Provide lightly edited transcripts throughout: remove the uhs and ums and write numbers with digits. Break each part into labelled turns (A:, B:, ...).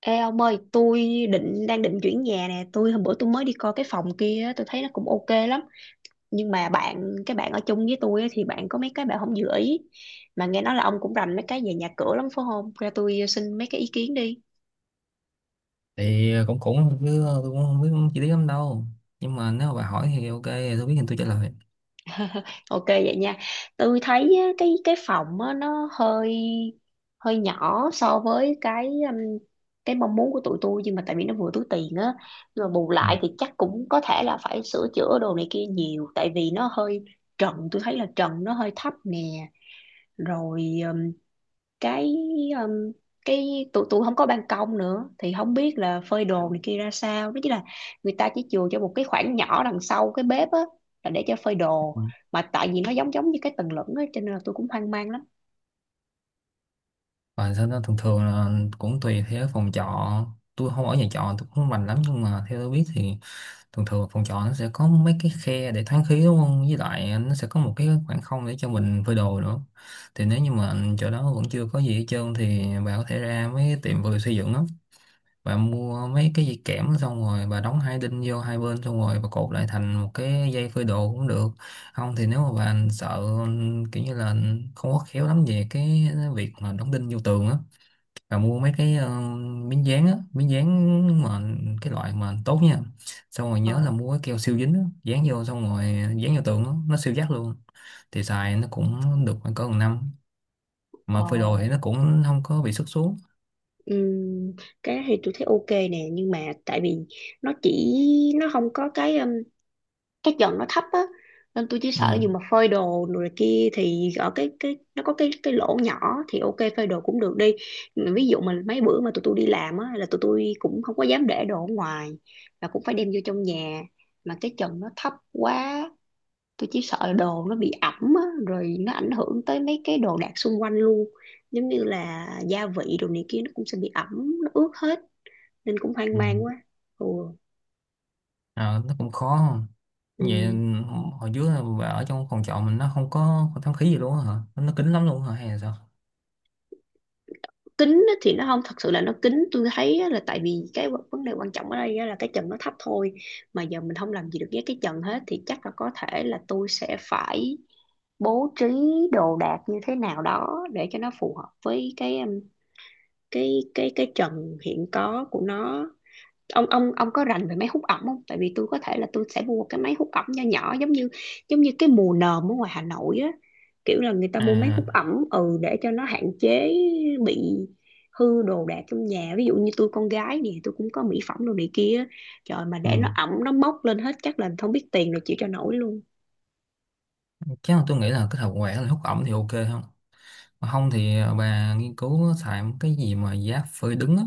A: Ê ông ơi, tôi đang định chuyển nhà nè, hôm bữa tôi mới đi coi cái phòng kia, á, tôi thấy nó cũng ok lắm. Nhưng mà cái bạn ở chung với tôi á, thì bạn có mấy cái bạn không vừa ý. Mà nghe nói là ông cũng rành mấy cái về nhà cửa lắm phải không? Ra tôi xin mấy cái ý kiến đi.
B: Thì cũng cũng chứ tôi cũng không biết chi tiết lắm đâu. Nhưng mà nếu mà bà hỏi thì ok, tôi biết thì tôi trả lời.
A: Ok vậy nha. Tôi thấy á, cái phòng á, nó hơi hơi nhỏ so với cái mong muốn của tụi tôi, nhưng mà tại vì nó vừa túi tiền á. Nhưng mà bù
B: Ừ.
A: lại thì chắc cũng có thể là phải sửa chữa đồ này kia nhiều, tại vì nó hơi trần, tôi thấy là trần nó hơi thấp nè. Rồi cái um, cái tụi tụi không có ban công nữa thì không biết là phơi đồ này kia ra sao đó, chính là người ta chỉ chừa cho một cái khoảng nhỏ đằng sau cái bếp á là để cho phơi đồ.
B: Ừ.
A: Mà tại vì nó giống giống như cái tầng lửng á cho nên là tôi cũng hoang mang lắm.
B: Và sau đó thường thường là cũng tùy theo phòng trọ. Tôi không ở nhà trọ, tôi cũng không rành lắm, nhưng mà theo tôi biết thì thường thường phòng trọ nó sẽ có mấy cái khe để thoáng khí, đúng không, với lại nó sẽ có một cái khoảng không để cho mình phơi đồ nữa. Thì nếu như mà chỗ đó vẫn chưa có gì hết trơn thì bà có thể ra mấy cái tiệm vừa xây dựng đó, bà mua mấy cái dây kẽm, xong rồi bà đóng hai đinh vô hai bên, xong rồi bà cột lại thành một cái dây phơi đồ cũng được. Không thì nếu mà bà sợ, kiểu như là không có khéo lắm về cái việc mà đóng đinh vô tường á, bà mua mấy cái miếng dán á, miếng dán mà cái loại mà tốt nha, xong rồi
A: Ờ,
B: nhớ là mua cái keo siêu dính á dán vô, xong rồi dán vô tường á, nó siêu chắc luôn. Thì xài nó cũng được khoảng cỡ một năm, mà
A: ờ,
B: phơi đồ thì nó cũng không có bị xước xuống.
A: ừm, cái đó thì tôi thấy ok nè, nhưng mà tại vì nó chỉ, nó không có cái trần nó thấp á, nên tôi chỉ
B: Ừ.
A: sợ dù mà phơi đồ rồi kia thì ở cái nó có cái lỗ nhỏ thì ok, phơi đồ cũng được đi. Mà ví dụ mà mấy bữa mà tụi tôi đi làm á là tụi tôi cũng không có dám để đồ ở ngoài, và cũng phải đem vô trong nhà. Mà cái trần nó thấp quá, tôi chỉ sợ là đồ nó bị ẩm á, rồi nó ảnh hưởng tới mấy cái đồ đạc xung quanh luôn, giống như là gia vị đồ này kia nó cũng sẽ bị ẩm, nó ướt hết, nên cũng hoang
B: Ừ.
A: mang quá. Ừ.
B: Ờ, nó cũng khó. Vậy
A: Ừ.
B: hồi trước là bà ở trong phòng trọ mình nó không có, không thoáng khí gì luôn á hả? Nó kín lắm luôn hả hay là sao?
A: Kính thì nó không thật sự là nó kính, tôi thấy á là tại vì cái vấn vấn đề quan trọng ở đây á là cái trần nó thấp thôi. Mà giờ mình không làm gì được với cái trần hết thì chắc là có thể là tôi sẽ phải bố trí đồ đạc như thế nào đó để cho nó phù hợp với cái trần hiện có của nó. Ông có rành về máy hút ẩm không, tại vì tôi có thể là tôi sẽ mua cái máy hút ẩm nho nhỏ, giống như cái mùa nồm ở ngoài Hà Nội á, kiểu là người ta mua máy hút
B: À.
A: ẩm ừ để cho nó hạn chế bị hư đồ đạc trong nhà. Ví dụ như tôi con gái nè, tôi cũng có mỹ phẩm đồ này kia á. Trời mà
B: Ừ.
A: để nó ẩm nó mốc lên hết chắc là không biết tiền rồi chịu cho nổi luôn.
B: Chắc là tôi nghĩ là cái hợp quẹt là hút ẩm thì ok không? Mà không thì à, bà nghiên cứu xài một cái gì mà giá phơi đứng á,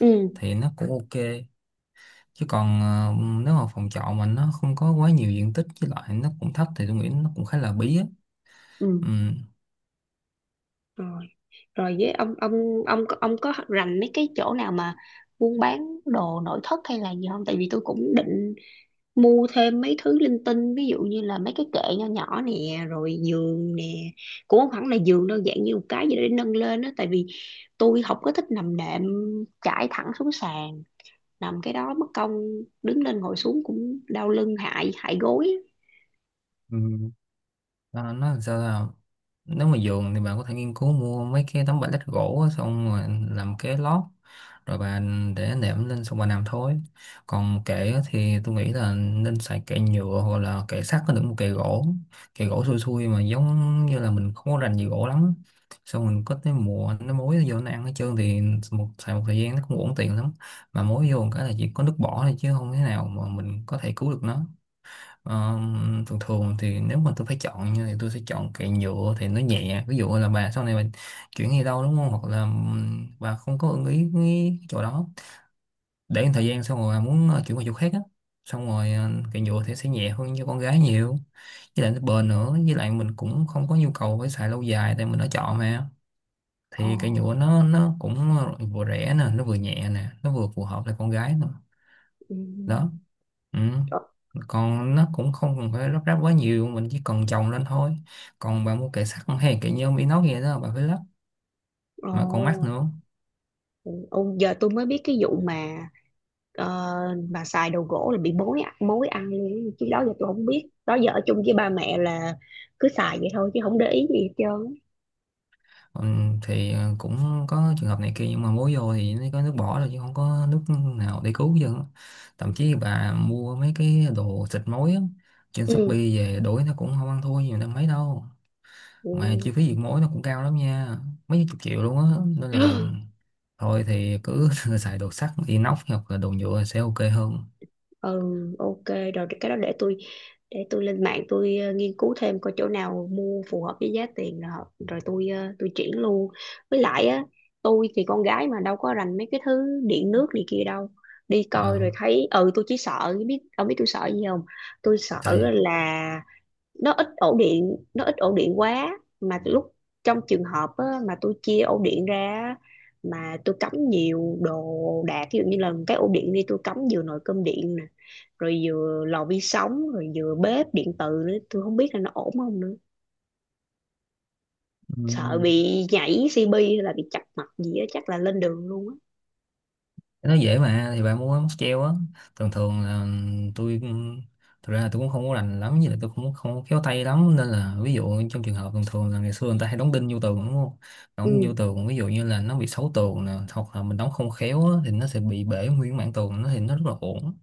A: Ừ.
B: thì nó cũng ok. Chứ còn nếu mà phòng trọ mình nó không có quá nhiều diện tích, với lại nó cũng thấp thì tôi nghĩ nó cũng khá là bí á.
A: Ừ. rồi rồi với ông ông ông có rành mấy cái chỗ nào mà buôn bán đồ nội thất hay là gì không, tại vì tôi cũng định mua thêm mấy thứ linh tinh, ví dụ như là mấy cái kệ nho nhỏ nè rồi giường nè. Cũng không hẳn là giường đâu, dạng như một cái gì đó để nâng lên á, tại vì tôi không có thích nằm đệm trải thẳng xuống sàn, nằm cái đó mất công đứng lên ngồi xuống cũng đau lưng hại hại gối á.
B: Ừ. Nó làm sao là, nếu mà giường thì bạn có thể nghiên cứu mua mấy cái tấm pallet gỗ á, xong rồi làm cái lót, rồi bạn để nệm lên xong bạn nằm thôi. Còn kệ á thì tôi nghĩ là nên xài kệ nhựa hoặc là kệ sắt, có được một kệ gỗ, kệ gỗ xui xui mà giống như là mình không có rành gì gỗ lắm, xong mình có cái mùa nó mối nó vô nó ăn hết trơn thì xài một thời gian nó cũng uổng tiền lắm. Mà mối vô một cái là chỉ có nước bỏ thôi chứ không thế nào mà mình có thể cứu được nó. Ờ, thường thường thì nếu mà tôi phải chọn như thì tôi sẽ chọn kệ nhựa thì nó nhẹ. Ví dụ là bà sau này bà chuyển đi đâu đúng không, hoặc là bà không có ưng ý cái chỗ đó, để một thời gian xong rồi bà muốn chuyển qua chỗ khác á, xong rồi kệ nhựa thì sẽ nhẹ hơn cho con gái nhiều, với lại nó bền nữa, với lại mình cũng không có nhu cầu phải xài lâu dài tại mình đã chọn mà.
A: Ồ.
B: Thì kệ nhựa nó cũng vừa rẻ nè, nó vừa nhẹ nè, nó vừa phù hợp với con gái nữa.
A: Ừ.
B: Đó. Ừ. Còn nó cũng không cần phải lắp ráp quá nhiều, mình chỉ cần chồng lên thôi. Còn bà mua kệ sắt hay kệ nhôm inox gì đó bà phải lắp mà còn mắc
A: Ồ,
B: nữa.
A: ồ, giờ tôi mới biết cái vụ mà ờ, mà xài đồ gỗ là bị mối ăn luôn. Chứ đó giờ tôi không biết, đó giờ ở chung với ba mẹ là cứ xài vậy thôi chứ không để ý gì hết trơn.
B: Ừ, thì cũng có trường hợp này kia nhưng mà mua vô thì nó có nước bỏ rồi chứ không có nước nào để cứu chứ. Thậm chí bà mua mấy cái đồ xịt mối á, trên Shopee
A: Ừ.
B: về đổi nó cũng không ăn thua nhiều năm mấy đâu.
A: Ừ.
B: Mà chi phí diệt mối nó cũng cao lắm nha, mấy chục triệu luôn á, nên là thôi thì cứ xài đồ sắt inox hoặc là đồ nhựa sẽ ok hơn.
A: Ừ. Ok rồi, cái đó để tôi, để tôi lên mạng tôi nghiên cứu thêm coi chỗ nào mua phù hợp với giá tiền, rồi, rồi tôi tôi chuyển luôn. Với lại á, tôi thì con gái mà đâu có rành mấy cái thứ điện nước này kia đâu, đi coi
B: Ờ.
A: rồi thấy ừ, tôi chỉ sợ, biết ông biết tôi sợ gì không? Tôi sợ
B: Trời.
A: là nó ít ổ điện, nó ít ổ điện quá, mà lúc trong trường hợp á, mà tôi chia ổ điện ra á, mà tôi cắm nhiều đồ đạc, ví dụ như là cái ổ điện đi, tôi cắm vừa nồi cơm điện nè, rồi vừa lò vi sóng, rồi vừa bếp điện từ nữa, tôi không biết là nó ổn không nữa. Sợ
B: ừm,
A: bị nhảy CP hay là bị chập mạch gì á, chắc là lên đường luôn á.
B: nó dễ mà, thì bạn muốn móc treo á, thường thường là tôi, thực ra là tôi cũng không có rành lắm, như là tôi cũng không khéo tay lắm, nên là ví dụ trong trường hợp thường thường là ngày xưa người ta hay đóng đinh vô tường đúng không. Đóng đinh
A: Ừ.
B: vô tường ví dụ như là nó bị xấu tường nè, hoặc là mình đóng không khéo á, thì nó sẽ bị bể nguyên mảng tường nó thì nó rất là uổng.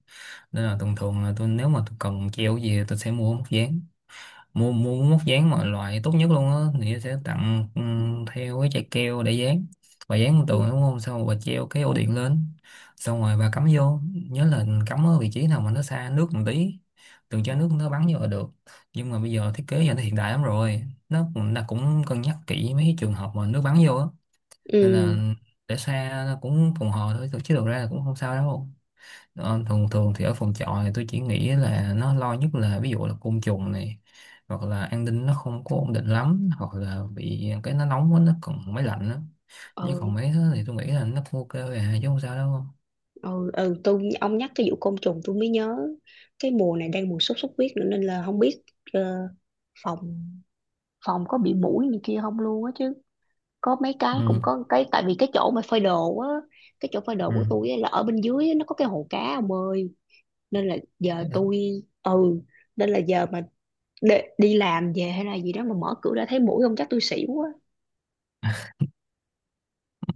B: Nên là thường thường là tôi, nếu mà tôi cần treo gì thì tôi sẽ mua móc dán, mua mua móc dán mà loại tốt nhất luôn á, thì sẽ tặng theo cái chai keo để dán. Bà dán lên
A: Ừ.
B: tường đúng không, xong rồi bà treo cái ổ điện lên, xong rồi bà cắm vô, nhớ là cắm ở vị trí nào mà nó xa nước một tí, đừng
A: Ừ.
B: cho nước nó bắn vô là được. Nhưng mà bây giờ thiết kế giờ nó hiện đại lắm rồi, nó cũng cân nhắc kỹ mấy cái trường hợp mà nước bắn vô á, nên là để xa nó cũng phòng hờ thôi chứ thực ra là cũng không sao đâu. Đó, thường thường thì ở phòng trọ thì tôi chỉ nghĩ là nó lo nhất là ví dụ là côn trùng này, hoặc là an ninh nó không có ổn định lắm, hoặc là bị cái nó nóng quá nó còn máy lạnh đó. Chứ
A: Ừ.
B: còn mấy thứ thì tôi nghĩ là nó cũng ok rồi à chứ không sao đâu.
A: Ừ, ừ. Tôi, ông nhắc cái vụ côn trùng tôi mới nhớ, cái mùa này đang mùa sốt xuất huyết nữa nên là không biết ờ, phòng phòng có bị muỗi này kia không luôn á. Chứ có mấy cái, cũng
B: Ừ.
A: có cái, tại vì cái chỗ mà phơi đồ á, cái chỗ phơi đồ của tôi á là ở bên dưới á, nó có cái hồ cá ông ơi. Nên là giờ
B: Ừ.
A: tôi, ừ, nên là giờ mà đi, đi làm về hay là gì đó mà mở cửa ra thấy muỗi không chắc tôi xỉu quá.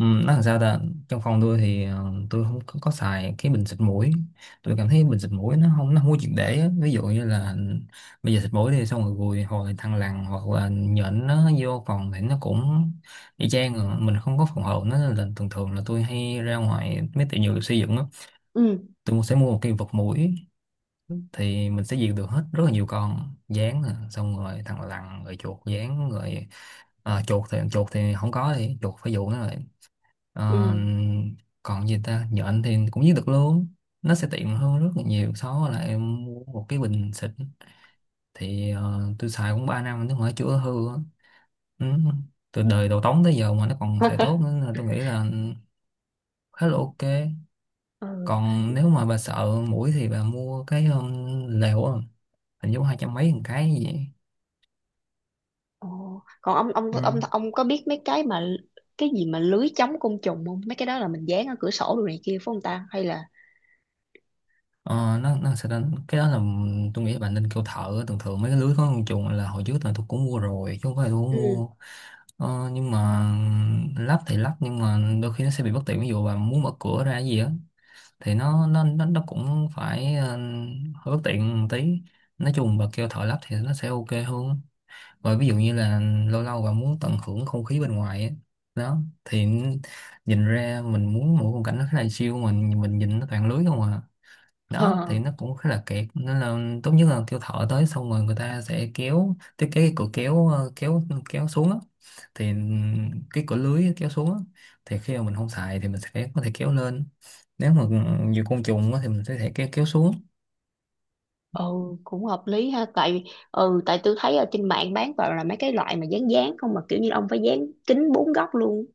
B: Ừ, nói làm sao ta. Trong phòng tôi thì tôi không có, có xài cái bình xịt mũi. Tôi cảm thấy bình xịt mũi nó không có triệt để á. Ví dụ như là bây giờ xịt mũi thì xong rồi gùi hồi thằng lằn hoặc là nhện nó vô phòng thì nó cũng y chang à. Mình không có phòng hộ nó, nên là thường thường là tôi hay ra ngoài mấy tiệm dược xây dựng á,
A: Ừ.
B: tôi sẽ mua một cái vật mũi, thì mình sẽ diệt được hết rất là nhiều con gián nè, xong rồi thằng lằn rồi chuột gián rồi. À, chuột thì không có, thì chuột phải dụ nó rồi. Ờ,
A: Ừ.
B: còn gì ta, nhện thì cũng giết được luôn. Nó sẽ tiện hơn rất là nhiều so với là em mua một cái bình xịt. Thì tôi xài cũng 3 năm nếu mà nó chưa hư á. Ừ. Từ đời đầu tống tới giờ mà nó còn xài tốt nữa, nên tôi nghĩ là khá là ok.
A: Ừ.
B: Còn nếu mà bà sợ mũi thì bà mua cái lều á, hình như hai trăm mấy một cái gì vậy.
A: Ồ. Còn ông ông
B: Ừ.
A: ông ông có biết mấy cái mà cái gì mà lưới chống côn trùng không? Mấy cái đó là mình dán ở cửa sổ đồ này kia phải không ta, hay là
B: Ờ, nó sẽ đánh- cái đó là, tôi nghĩ là bà nên kêu thợ. Thường thường mấy cái lưới có con chuột là hồi trước là tôi cũng mua rồi chứ không phải là tôi không
A: ừ.
B: mua. Ờ, nhưng mà lắp thì lắp, nhưng mà đôi khi nó sẽ bị bất tiện. Ví dụ bà muốn mở cửa ra cái gì á thì nó cũng phải hơi bất tiện một tí. Nói chung bà kêu thợ lắp thì nó sẽ ok hơn. Rồi ví dụ như là lâu lâu bà muốn tận hưởng không khí bên ngoài á, đó, thì nhìn ra mình muốn một khung cảnh nó khá là chill, mình nhìn nó toàn lưới không à. Đó
A: Ờ.
B: thì nó cũng khá là kiệt, nên là tốt nhất là kêu thợ tới, xong rồi người ta sẽ kéo thiết kế cái cửa kéo kéo, kéo xuống á. Thì cái cửa lưới kéo xuống á, thì khi mà mình không xài thì mình sẽ có thể kéo lên. Nếu mà ừ, nhiều côn trùng á thì mình sẽ thể kéo kéo xuống.
A: Ừ cũng hợp lý ha. Tại ừ, tại tôi thấy ở trên mạng bán toàn là mấy cái loại mà dán dán không, mà kiểu như ông phải dán kính bốn góc luôn,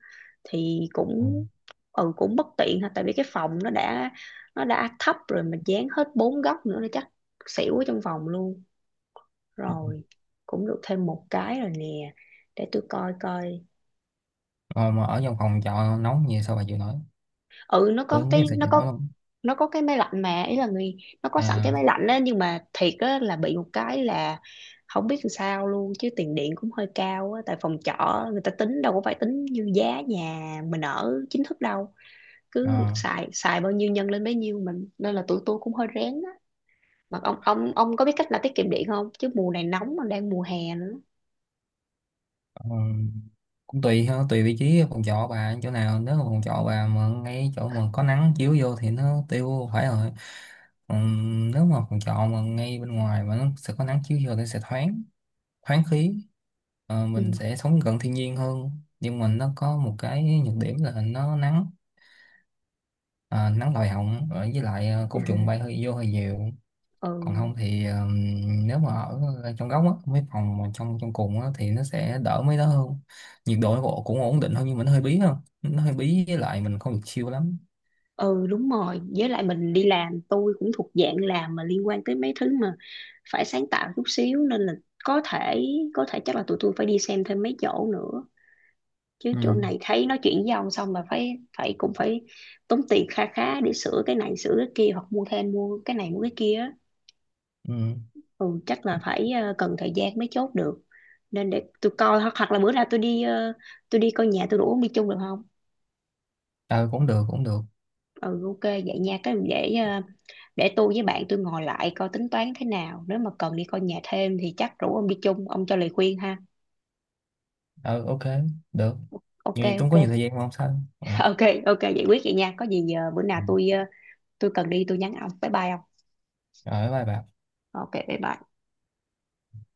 A: thì
B: Ừ.
A: cũng ừ, cũng bất tiện ha. Tại vì cái phòng nó đã, nó đã thấp rồi mà dán hết bốn góc nữa nó chắc xỉu ở trong phòng luôn. Rồi, cũng được thêm một cái rồi nè, để tôi coi coi.
B: Ờ, mà ở trong phòng trọ nóng như sao bà chịu nổi,
A: Ừ, nó
B: tôi
A: có
B: không biết
A: cái
B: sao
A: nó
B: chịu
A: có
B: nổi không.
A: nó có cái máy lạnh, mà ý là người, nó có sẵn cái máy lạnh á, nhưng mà thiệt á là bị một cái là không biết làm sao luôn chứ tiền điện cũng hơi cao á, tại phòng trọ người ta tính đâu có phải tính như giá nhà mình ở chính thức đâu, cứ
B: À,
A: xài, xài bao nhiêu nhân lên bấy nhiêu mình, nên là tụi tôi cũng hơi rén á. Mà ông có biết cách là tiết kiệm điện không, chứ mùa này nóng mà đang mùa hè nữa.
B: ờ, cũng tùy ha, tùy vị trí phòng trọ bà chỗ nào. Nếu mà phòng trọ bà mà ngay chỗ mà có nắng chiếu vô thì nó tiêu phải rồi. Còn nếu mà phòng trọ mà ngay bên ngoài mà nó sẽ có nắng chiếu vô thì nó sẽ thoáng, thoáng khí. Ờ, mình
A: Ừ.
B: sẽ sống gần thiên nhiên hơn, nhưng mà nó có một cái nhược điểm là nó nắng. À, nắng lòi họng, với lại
A: Ừ,
B: côn trùng bay hơi vô hơi nhiều.
A: ừ.
B: Còn không thì nếu mà ở trong góc á, mấy phòng mà trong trong cùng á thì nó sẽ đỡ mấy đó hơn, nhiệt độ nó cũng cũng ổn định hơn, nhưng mà nó hơi bí, không, nó hơi bí, với lại mình không được chill lắm.
A: Ừ đúng rồi, với lại mình đi làm, tôi cũng thuộc dạng làm mà liên quan tới mấy thứ mà phải sáng tạo chút xíu, nên là có thể, có thể chắc là tụi tôi phải đi xem thêm mấy chỗ nữa. Chứ
B: Ừ.
A: chỗ này thấy nói chuyện với ông xong mà phải, cũng phải tốn tiền kha khá để sửa cái này sửa cái kia, hoặc mua thêm, mua cái này mua cái kia á.
B: Ừ.
A: Ừ chắc là phải ờ, cần thời gian mới chốt được. Nên để tôi coi, hoặc hoặc là bữa nào tôi đi tôi đi coi nhà, tôi đủ ông đi chung được không.
B: Ờ, cũng được, cũng được.
A: Ừ, ok vậy nha, cái để tôi với bạn tôi ngồi lại coi tính toán thế nào, nếu mà cần đi coi nhà thêm thì chắc rủ ông đi chung, ông cho lời khuyên ha.
B: Ờ, ok, được.
A: Ok,
B: Vì tôi không
A: ok.
B: có nhiều thời gian mà không sao. Ừ.
A: Ok, ok, giải quyết vậy nha. Có gì bữa nào
B: Ừ.
A: tôi tôi cần đi tôi nhắn ông. Bye bye ông.
B: Rồi, bye bye.
A: Ok, bye bye.